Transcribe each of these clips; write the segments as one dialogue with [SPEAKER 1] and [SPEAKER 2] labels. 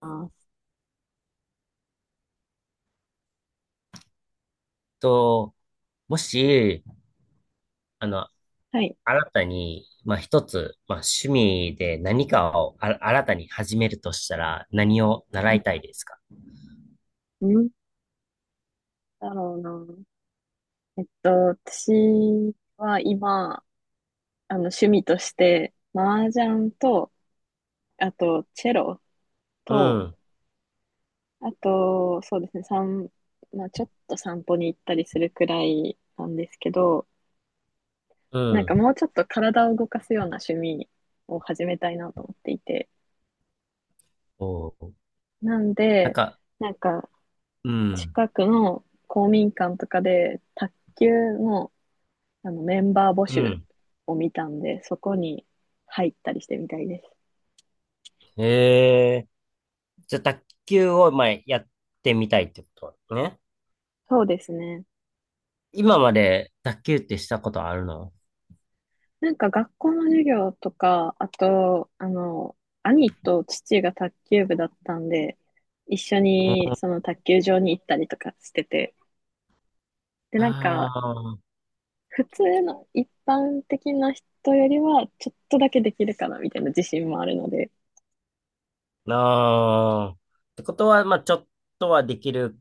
[SPEAKER 1] ます。
[SPEAKER 2] と、もし、あの、
[SPEAKER 1] はい。
[SPEAKER 2] 新たに、まあ、一つ、まあ、趣味で何かを新たに始めるとしたら、何を習いたいですか？
[SPEAKER 1] うん。なんだろうな。私は今、趣味として、麻雀と、あと、チェロ
[SPEAKER 2] う
[SPEAKER 1] と、
[SPEAKER 2] ん、
[SPEAKER 1] あと、そうですね、まあ、ちょっと散歩に行ったりするくらいなんですけど、
[SPEAKER 2] う
[SPEAKER 1] なんか
[SPEAKER 2] ん。
[SPEAKER 1] もうちょっと体を動かすような趣味を始めたいなと思っていて。
[SPEAKER 2] おー。
[SPEAKER 1] なん
[SPEAKER 2] なん
[SPEAKER 1] で、
[SPEAKER 2] か、
[SPEAKER 1] なんか、
[SPEAKER 2] うん、
[SPEAKER 1] 近くの公民館とかで、卓球のメンバー募
[SPEAKER 2] う
[SPEAKER 1] 集
[SPEAKER 2] ん。
[SPEAKER 1] を見たんで、そこに入ったりしてみたいです。
[SPEAKER 2] へえ。じゃあ、卓球を、まあ、やってみたいってことね。
[SPEAKER 1] そうですね。
[SPEAKER 2] 今まで卓球ってしたことあるの？
[SPEAKER 1] なんか学校の授業とか、あと、兄と父が卓球部だったんで、一緒
[SPEAKER 2] う
[SPEAKER 1] に
[SPEAKER 2] ん。
[SPEAKER 1] その卓球場に行ったりとかしてて、で、なん
[SPEAKER 2] あ
[SPEAKER 1] か、
[SPEAKER 2] あ、
[SPEAKER 1] 普通の一般的な人よりは、ちょっとだけできるかなみたいな自信もあるので、
[SPEAKER 2] なあ。ってことは、まあ、ちょっとはできる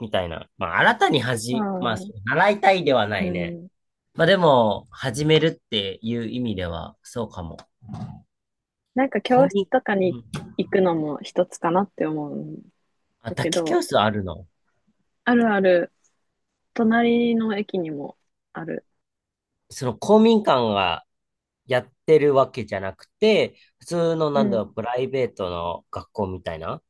[SPEAKER 2] みたいな。まあ、新たに
[SPEAKER 1] ま
[SPEAKER 2] 始、まあ、そう
[SPEAKER 1] あ、
[SPEAKER 2] 習いたいではな
[SPEAKER 1] う
[SPEAKER 2] いね。
[SPEAKER 1] ん、
[SPEAKER 2] まあ、でも、始めるっていう意味では、そうかも。
[SPEAKER 1] なんか教
[SPEAKER 2] 公
[SPEAKER 1] 室
[SPEAKER 2] 民、
[SPEAKER 1] とか
[SPEAKER 2] う
[SPEAKER 1] に
[SPEAKER 2] ん。
[SPEAKER 1] 行くのも一つかなって思うん
[SPEAKER 2] あ、
[SPEAKER 1] だ
[SPEAKER 2] 卓
[SPEAKER 1] け
[SPEAKER 2] 球教
[SPEAKER 1] ど、
[SPEAKER 2] 室あるの？
[SPEAKER 1] あるある、隣の駅にもある。
[SPEAKER 2] その公民館がやってるわけじゃなくて、普通の、
[SPEAKER 1] う
[SPEAKER 2] なんだ
[SPEAKER 1] ん。
[SPEAKER 2] ろう、プライベートの学校みたいな。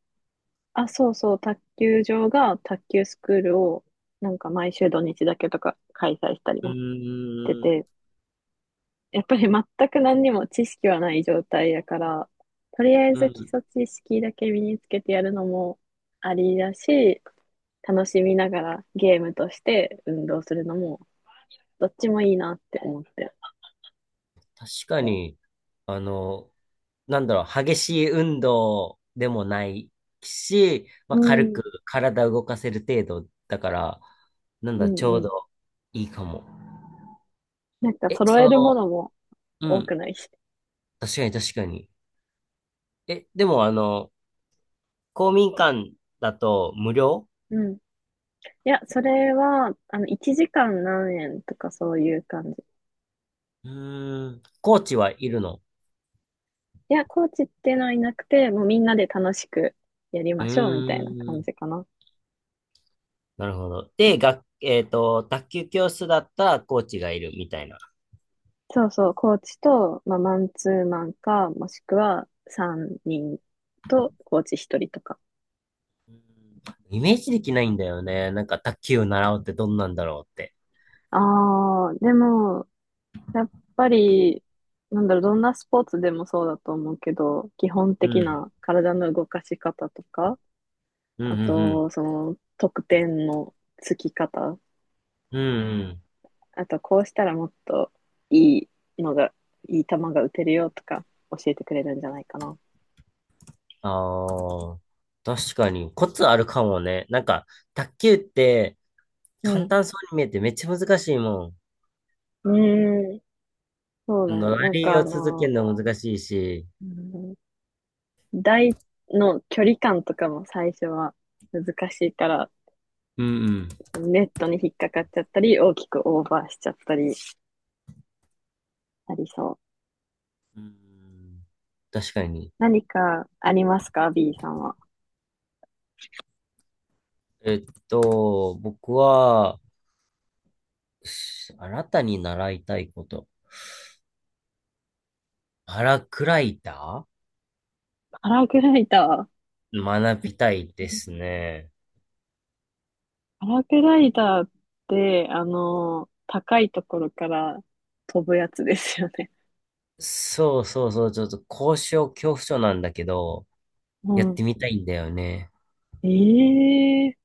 [SPEAKER 1] あ、そうそう、卓球場が卓球スクールを、なんか毎週土日だけとか開催したり
[SPEAKER 2] う
[SPEAKER 1] もして
[SPEAKER 2] ーん、
[SPEAKER 1] て、やっぱり全く何にも知識はない状態やから、とりあえ
[SPEAKER 2] う
[SPEAKER 1] ず基
[SPEAKER 2] ん、
[SPEAKER 1] 礎知識だけ身につけてやるのもありだし、楽しみながらゲームとして運動するのも、どっちもいいなって思って。
[SPEAKER 2] 確か
[SPEAKER 1] う
[SPEAKER 2] に、あの、なんだろう、激しい運動でもないし、まあ、軽
[SPEAKER 1] ん、
[SPEAKER 2] く体動かせる程度だから、なん
[SPEAKER 1] う
[SPEAKER 2] だ、
[SPEAKER 1] ん、
[SPEAKER 2] ちょう
[SPEAKER 1] うん。
[SPEAKER 2] どいいかも。
[SPEAKER 1] なんか
[SPEAKER 2] え、
[SPEAKER 1] 揃
[SPEAKER 2] そ
[SPEAKER 1] えるも
[SPEAKER 2] の、
[SPEAKER 1] のも
[SPEAKER 2] う
[SPEAKER 1] 多く
[SPEAKER 2] ん、
[SPEAKER 1] ないし。
[SPEAKER 2] 確かに確かに。え、でも公民館だと無料？
[SPEAKER 1] うん。いや、それは、あの、1時間何円とかそういう感じ。
[SPEAKER 2] うーん、コーチはいるの？
[SPEAKER 1] いや、コーチっていうのはいなくて、もうみんなで楽しくやり
[SPEAKER 2] う
[SPEAKER 1] ましょうみたいな
[SPEAKER 2] ー
[SPEAKER 1] 感
[SPEAKER 2] ん、
[SPEAKER 1] じかな。
[SPEAKER 2] なるほど。で、学えっと、卓球教室だったらコーチがいるみたいな。
[SPEAKER 1] そうそう、コーチと、まあ、マンツーマンか、もしくは3人とコーチ1人とか。
[SPEAKER 2] うん。イメージできないんだよね。なんか卓球を習うってどんなんだろうって。
[SPEAKER 1] ああ、でも、やっぱり、なんだろう、どんなスポーツでもそうだと思うけど、基本
[SPEAKER 2] う
[SPEAKER 1] 的
[SPEAKER 2] ん。
[SPEAKER 1] な体の動かし方とか、
[SPEAKER 2] うん
[SPEAKER 1] あ
[SPEAKER 2] うんうん。
[SPEAKER 1] と、その、得点のつき方、
[SPEAKER 2] うんうん。
[SPEAKER 1] あとこうしたらもっといいのが、いい球が打てるよとか教えてくれるんじゃないかな。
[SPEAKER 2] ああ、確かに。コツあるかもね。なんか、卓球って
[SPEAKER 1] う
[SPEAKER 2] 簡
[SPEAKER 1] ん。
[SPEAKER 2] 単そうに見えてめっちゃ難しいもん。
[SPEAKER 1] うーん。そうだよ
[SPEAKER 2] の
[SPEAKER 1] ね。
[SPEAKER 2] ラ
[SPEAKER 1] なん
[SPEAKER 2] リ
[SPEAKER 1] か
[SPEAKER 2] ーを続けるの難しいし。
[SPEAKER 1] うん、台の距離感とかも最初は難しいから、
[SPEAKER 2] うんうん。
[SPEAKER 1] そのネットに引っかかっちゃったり、大きくオーバーしちゃったりありそう。
[SPEAKER 2] うん、確かに。
[SPEAKER 1] 何かありますか？ B さんは。
[SPEAKER 2] 僕は、新たに習いたいこと。パラクライタ
[SPEAKER 1] パラグライダー。
[SPEAKER 2] ー学びたい
[SPEAKER 1] う
[SPEAKER 2] です
[SPEAKER 1] ん
[SPEAKER 2] ね。
[SPEAKER 1] パラグライダーって、あの、高いところから飛ぶやつですよね。
[SPEAKER 2] そうそうそう、ちょっと高所恐怖症なんだけど、
[SPEAKER 1] う
[SPEAKER 2] やっ
[SPEAKER 1] ん。
[SPEAKER 2] てみたいんだよね。
[SPEAKER 1] ええ、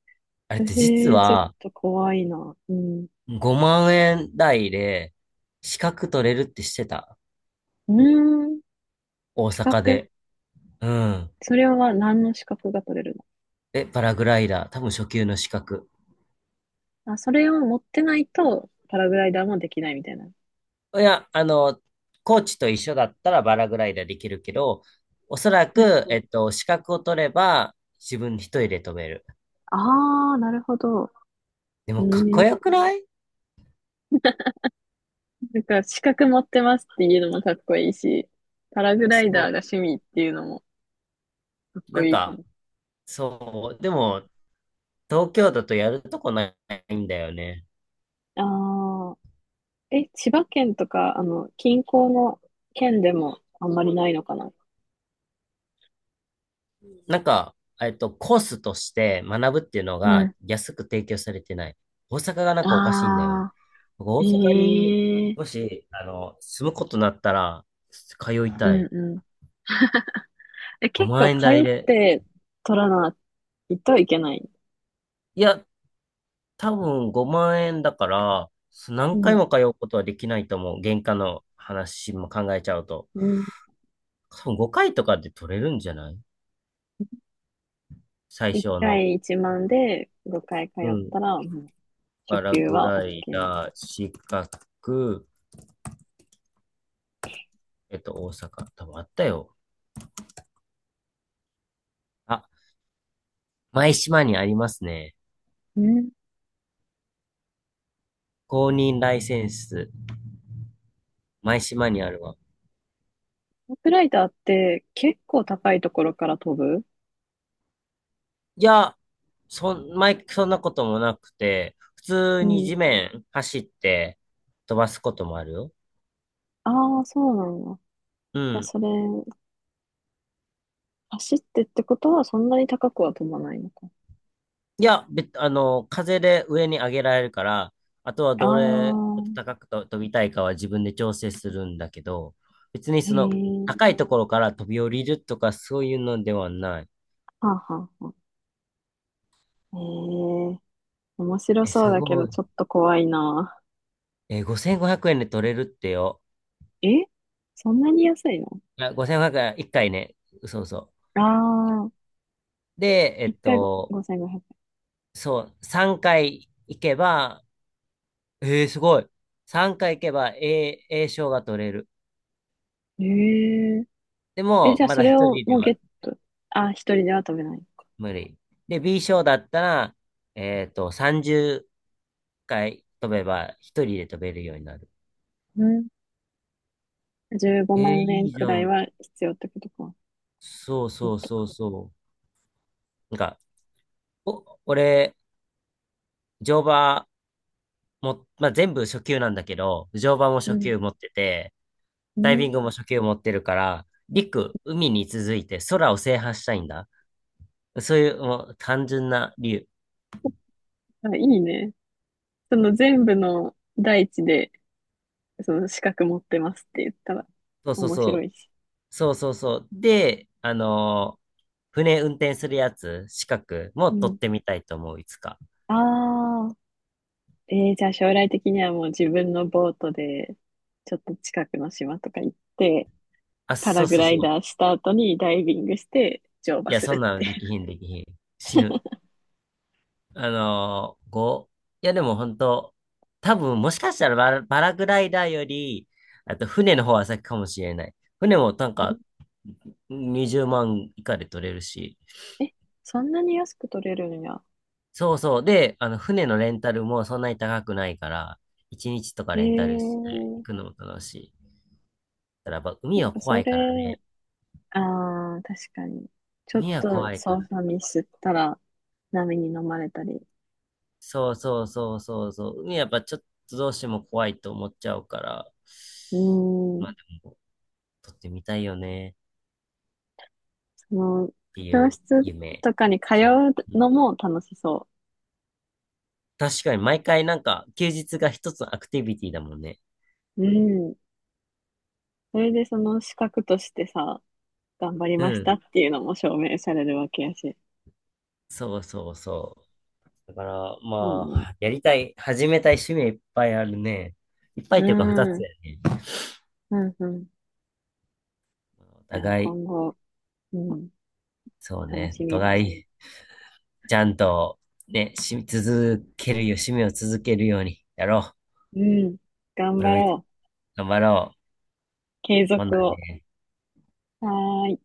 [SPEAKER 2] あれって実
[SPEAKER 1] 私、ちょっ
[SPEAKER 2] は、
[SPEAKER 1] と怖いな。うん。う
[SPEAKER 2] うん、5万円台で資格取れるってしてた。
[SPEAKER 1] ーん。
[SPEAKER 2] 大
[SPEAKER 1] 資
[SPEAKER 2] 阪
[SPEAKER 1] 格。
[SPEAKER 2] で。うん。
[SPEAKER 1] それは何の資格が取れる
[SPEAKER 2] え、パラグライダー。多分初級の資格。
[SPEAKER 1] の？あ、それを持ってないと、パラグライダーもできないみたいな。
[SPEAKER 2] いや、コーチと一緒だったらパラグライダーできるけど、おそら
[SPEAKER 1] はい
[SPEAKER 2] く、
[SPEAKER 1] はい。
[SPEAKER 2] 資格を取れば自分一人で飛べる。
[SPEAKER 1] ああ、なるほど。
[SPEAKER 2] で
[SPEAKER 1] え
[SPEAKER 2] もかっこ
[SPEAKER 1] え
[SPEAKER 2] よくない？
[SPEAKER 1] なんか、資格持ってますっていうのもかっこいいし、パラグライ
[SPEAKER 2] そ
[SPEAKER 1] ダーが
[SPEAKER 2] う。
[SPEAKER 1] 趣味っていうのもかっこ
[SPEAKER 2] なん
[SPEAKER 1] いいか
[SPEAKER 2] か、
[SPEAKER 1] も。
[SPEAKER 2] そう。でも、東京だとやるとこないんだよね。
[SPEAKER 1] ああ、え、千葉県とか、あの、近郊の県でもあんまりないのかな？
[SPEAKER 2] なんか、コースとして学ぶっていうの
[SPEAKER 1] う
[SPEAKER 2] が
[SPEAKER 1] ん。
[SPEAKER 2] 安く提供されてない。大阪がなんかおかしいんだよ。
[SPEAKER 1] あ
[SPEAKER 2] 僕大阪に
[SPEAKER 1] あ、え
[SPEAKER 2] も
[SPEAKER 1] え、
[SPEAKER 2] し、住むことになったら、通い
[SPEAKER 1] う
[SPEAKER 2] た
[SPEAKER 1] ん
[SPEAKER 2] い。
[SPEAKER 1] うん。え、結
[SPEAKER 2] 5
[SPEAKER 1] 構
[SPEAKER 2] 万円
[SPEAKER 1] 通
[SPEAKER 2] 台
[SPEAKER 1] っ
[SPEAKER 2] で。
[SPEAKER 1] て取らないといけない。
[SPEAKER 2] いや、多分5万円だから、
[SPEAKER 1] う
[SPEAKER 2] 何回
[SPEAKER 1] ん。
[SPEAKER 2] も通うことはできないと思う。原価の話も考えちゃうと。
[SPEAKER 1] うん。
[SPEAKER 2] 多分5回とかで取れるんじゃない？最
[SPEAKER 1] 1
[SPEAKER 2] 初の。
[SPEAKER 1] 回1万で5回通
[SPEAKER 2] う
[SPEAKER 1] っ
[SPEAKER 2] ん。
[SPEAKER 1] たら、もう
[SPEAKER 2] パ
[SPEAKER 1] 初
[SPEAKER 2] ラ
[SPEAKER 1] 級
[SPEAKER 2] グ
[SPEAKER 1] は OK
[SPEAKER 2] ライ
[SPEAKER 1] み
[SPEAKER 2] ダ
[SPEAKER 1] たい
[SPEAKER 2] ー、四角。大阪。多分あったよ。あ、舞島にありますね。
[SPEAKER 1] な。うん。
[SPEAKER 2] 公認ライセンス、舞島にあるわ。
[SPEAKER 1] トップライターって結構高いところから飛ぶ？
[SPEAKER 2] いや、そんなこともなくて、普通
[SPEAKER 1] う
[SPEAKER 2] に
[SPEAKER 1] ん。
[SPEAKER 2] 地面走って飛ばすこともあるよ。
[SPEAKER 1] ああー、そうなんだ。
[SPEAKER 2] う
[SPEAKER 1] いや、
[SPEAKER 2] ん。
[SPEAKER 1] それ、走ってってことはそんなに高くは飛ばないのか。
[SPEAKER 2] いや、べ、あの、風で上に上げられるから、あとは
[SPEAKER 1] あ
[SPEAKER 2] どれ
[SPEAKER 1] あ、
[SPEAKER 2] 高くと飛びたいかは自分で調整するんだけど、別に
[SPEAKER 1] へ
[SPEAKER 2] その
[SPEAKER 1] え。
[SPEAKER 2] 高いところから飛び降りるとかそういうのではない。
[SPEAKER 1] はあ、はあ、はあ。へえ。面白
[SPEAKER 2] え、
[SPEAKER 1] そう
[SPEAKER 2] す
[SPEAKER 1] だけ
[SPEAKER 2] ご
[SPEAKER 1] ど、
[SPEAKER 2] い。
[SPEAKER 1] ちょっと怖いな。
[SPEAKER 2] え、5500円で取れるってよ。
[SPEAKER 1] え、そんなに安いの？
[SPEAKER 2] あ、5500円、1回ね。そうそ
[SPEAKER 1] ああ、
[SPEAKER 2] う。で、
[SPEAKER 1] 一回ご5 5 0円。
[SPEAKER 2] そう、3回行けば、えー、すごい。3回行けば A 賞が取れる。
[SPEAKER 1] ええ
[SPEAKER 2] で
[SPEAKER 1] ー。え、
[SPEAKER 2] も、
[SPEAKER 1] じゃあ
[SPEAKER 2] ま
[SPEAKER 1] そ
[SPEAKER 2] だ
[SPEAKER 1] れ
[SPEAKER 2] 1
[SPEAKER 1] を
[SPEAKER 2] 人で
[SPEAKER 1] もうゲ
[SPEAKER 2] は
[SPEAKER 1] ット。あ、一人では食べない。
[SPEAKER 2] 無理。で、B 賞だったら、30回飛べば、1人で飛べるようになる。
[SPEAKER 1] うん。15
[SPEAKER 2] えー、
[SPEAKER 1] 万
[SPEAKER 2] い
[SPEAKER 1] 円
[SPEAKER 2] いじ
[SPEAKER 1] く
[SPEAKER 2] ゃ
[SPEAKER 1] らい
[SPEAKER 2] ん。
[SPEAKER 1] は必要ってことか。
[SPEAKER 2] そう
[SPEAKER 1] もっ
[SPEAKER 2] そう
[SPEAKER 1] と
[SPEAKER 2] そ
[SPEAKER 1] か。
[SPEAKER 2] うそう。なんか、俺、乗馬も、まあ、全部初級なんだけど、乗馬も
[SPEAKER 1] う
[SPEAKER 2] 初
[SPEAKER 1] ん。
[SPEAKER 2] 級持ってて、
[SPEAKER 1] う
[SPEAKER 2] ダイビン
[SPEAKER 1] ん。
[SPEAKER 2] グも初級持ってるから、陸、海に続いて空を制覇したいんだ。そういう、もう単純な理由。
[SPEAKER 1] あ、いいね。その全部の大地で、その資格持ってますって言ったら
[SPEAKER 2] そうそう
[SPEAKER 1] 面
[SPEAKER 2] そ
[SPEAKER 1] 白
[SPEAKER 2] う。
[SPEAKER 1] いし。
[SPEAKER 2] そうそうそう。で、船運転するやつ、資格も
[SPEAKER 1] う
[SPEAKER 2] 取っ
[SPEAKER 1] ん。
[SPEAKER 2] てみたいと思う、いつか。
[SPEAKER 1] ああ、じゃあ将来的にはもう自分のボートで、ちょっと近くの島とか行って、
[SPEAKER 2] あ、
[SPEAKER 1] パ
[SPEAKER 2] そ
[SPEAKER 1] ラ
[SPEAKER 2] う
[SPEAKER 1] グ
[SPEAKER 2] そう
[SPEAKER 1] ライ
[SPEAKER 2] そ
[SPEAKER 1] ダー
[SPEAKER 2] う。
[SPEAKER 1] した後にダイビングして乗馬
[SPEAKER 2] いや、
[SPEAKER 1] す
[SPEAKER 2] そん
[SPEAKER 1] る
[SPEAKER 2] な
[SPEAKER 1] っ
[SPEAKER 2] の
[SPEAKER 1] て。
[SPEAKER 2] できひん、できひん。死ぬ。あのこう、いやでも本当、多分もしかしたらパラグライダーより、あと船の方は先かもしれない。船もなん
[SPEAKER 1] う
[SPEAKER 2] か
[SPEAKER 1] ん
[SPEAKER 2] 20万以下で取れるし。
[SPEAKER 1] え、そんなに安く取れるんや。
[SPEAKER 2] そうそう。で、あの船のレンタルもそんなに高くないから、1日とか
[SPEAKER 1] え
[SPEAKER 2] レンタルして行
[SPEAKER 1] ー、
[SPEAKER 2] くのも楽しい。ただやっぱ
[SPEAKER 1] な
[SPEAKER 2] 海
[SPEAKER 1] ん
[SPEAKER 2] は
[SPEAKER 1] か
[SPEAKER 2] 怖
[SPEAKER 1] そ
[SPEAKER 2] い
[SPEAKER 1] れ、
[SPEAKER 2] からね。
[SPEAKER 1] ああ、確かに。ちょっ
[SPEAKER 2] 海は
[SPEAKER 1] と
[SPEAKER 2] 怖いから。
[SPEAKER 1] 操作ミスったら波に飲まれたり。
[SPEAKER 2] そうそうそうそうそう。海はやっぱちょっとどうしても怖いと思っちゃうから、
[SPEAKER 1] うー
[SPEAKER 2] ま
[SPEAKER 1] ん、
[SPEAKER 2] あでも、撮ってみたいよね。
[SPEAKER 1] その、
[SPEAKER 2] ってい
[SPEAKER 1] 教
[SPEAKER 2] う
[SPEAKER 1] 室
[SPEAKER 2] 夢。
[SPEAKER 1] とかに通
[SPEAKER 2] 趣味。
[SPEAKER 1] う
[SPEAKER 2] うん。
[SPEAKER 1] のも楽しそ
[SPEAKER 2] 確かに毎回なんか休日が一つのアクティビティだもんね。
[SPEAKER 1] う。うん。それでその資格としてさ、頑張り
[SPEAKER 2] う
[SPEAKER 1] ました
[SPEAKER 2] ん。
[SPEAKER 1] っていうのも証明されるわけやし。
[SPEAKER 2] そうそうそう。だから
[SPEAKER 1] いい
[SPEAKER 2] ま
[SPEAKER 1] ね。
[SPEAKER 2] あ、やりたい、始めたい趣味いっぱいあるね。いっぱい
[SPEAKER 1] う
[SPEAKER 2] っていうか二
[SPEAKER 1] ん、
[SPEAKER 2] つ
[SPEAKER 1] うん、
[SPEAKER 2] だよね。
[SPEAKER 1] うん。
[SPEAKER 2] お
[SPEAKER 1] じゃあ
[SPEAKER 2] 互い、
[SPEAKER 1] 今後、うん、
[SPEAKER 2] そう
[SPEAKER 1] 楽
[SPEAKER 2] ね、
[SPEAKER 1] し
[SPEAKER 2] お
[SPEAKER 1] みだ
[SPEAKER 2] 互
[SPEAKER 1] ね。
[SPEAKER 2] い、ちゃんとね、続けるよ、趣味を続けるようにやろう。
[SPEAKER 1] うん、頑
[SPEAKER 2] 俺
[SPEAKER 1] 張
[SPEAKER 2] も
[SPEAKER 1] ろう。
[SPEAKER 2] 頑張ろう。
[SPEAKER 1] 継
[SPEAKER 2] ほん
[SPEAKER 1] 続
[SPEAKER 2] な
[SPEAKER 1] を。
[SPEAKER 2] ね。
[SPEAKER 1] はーい。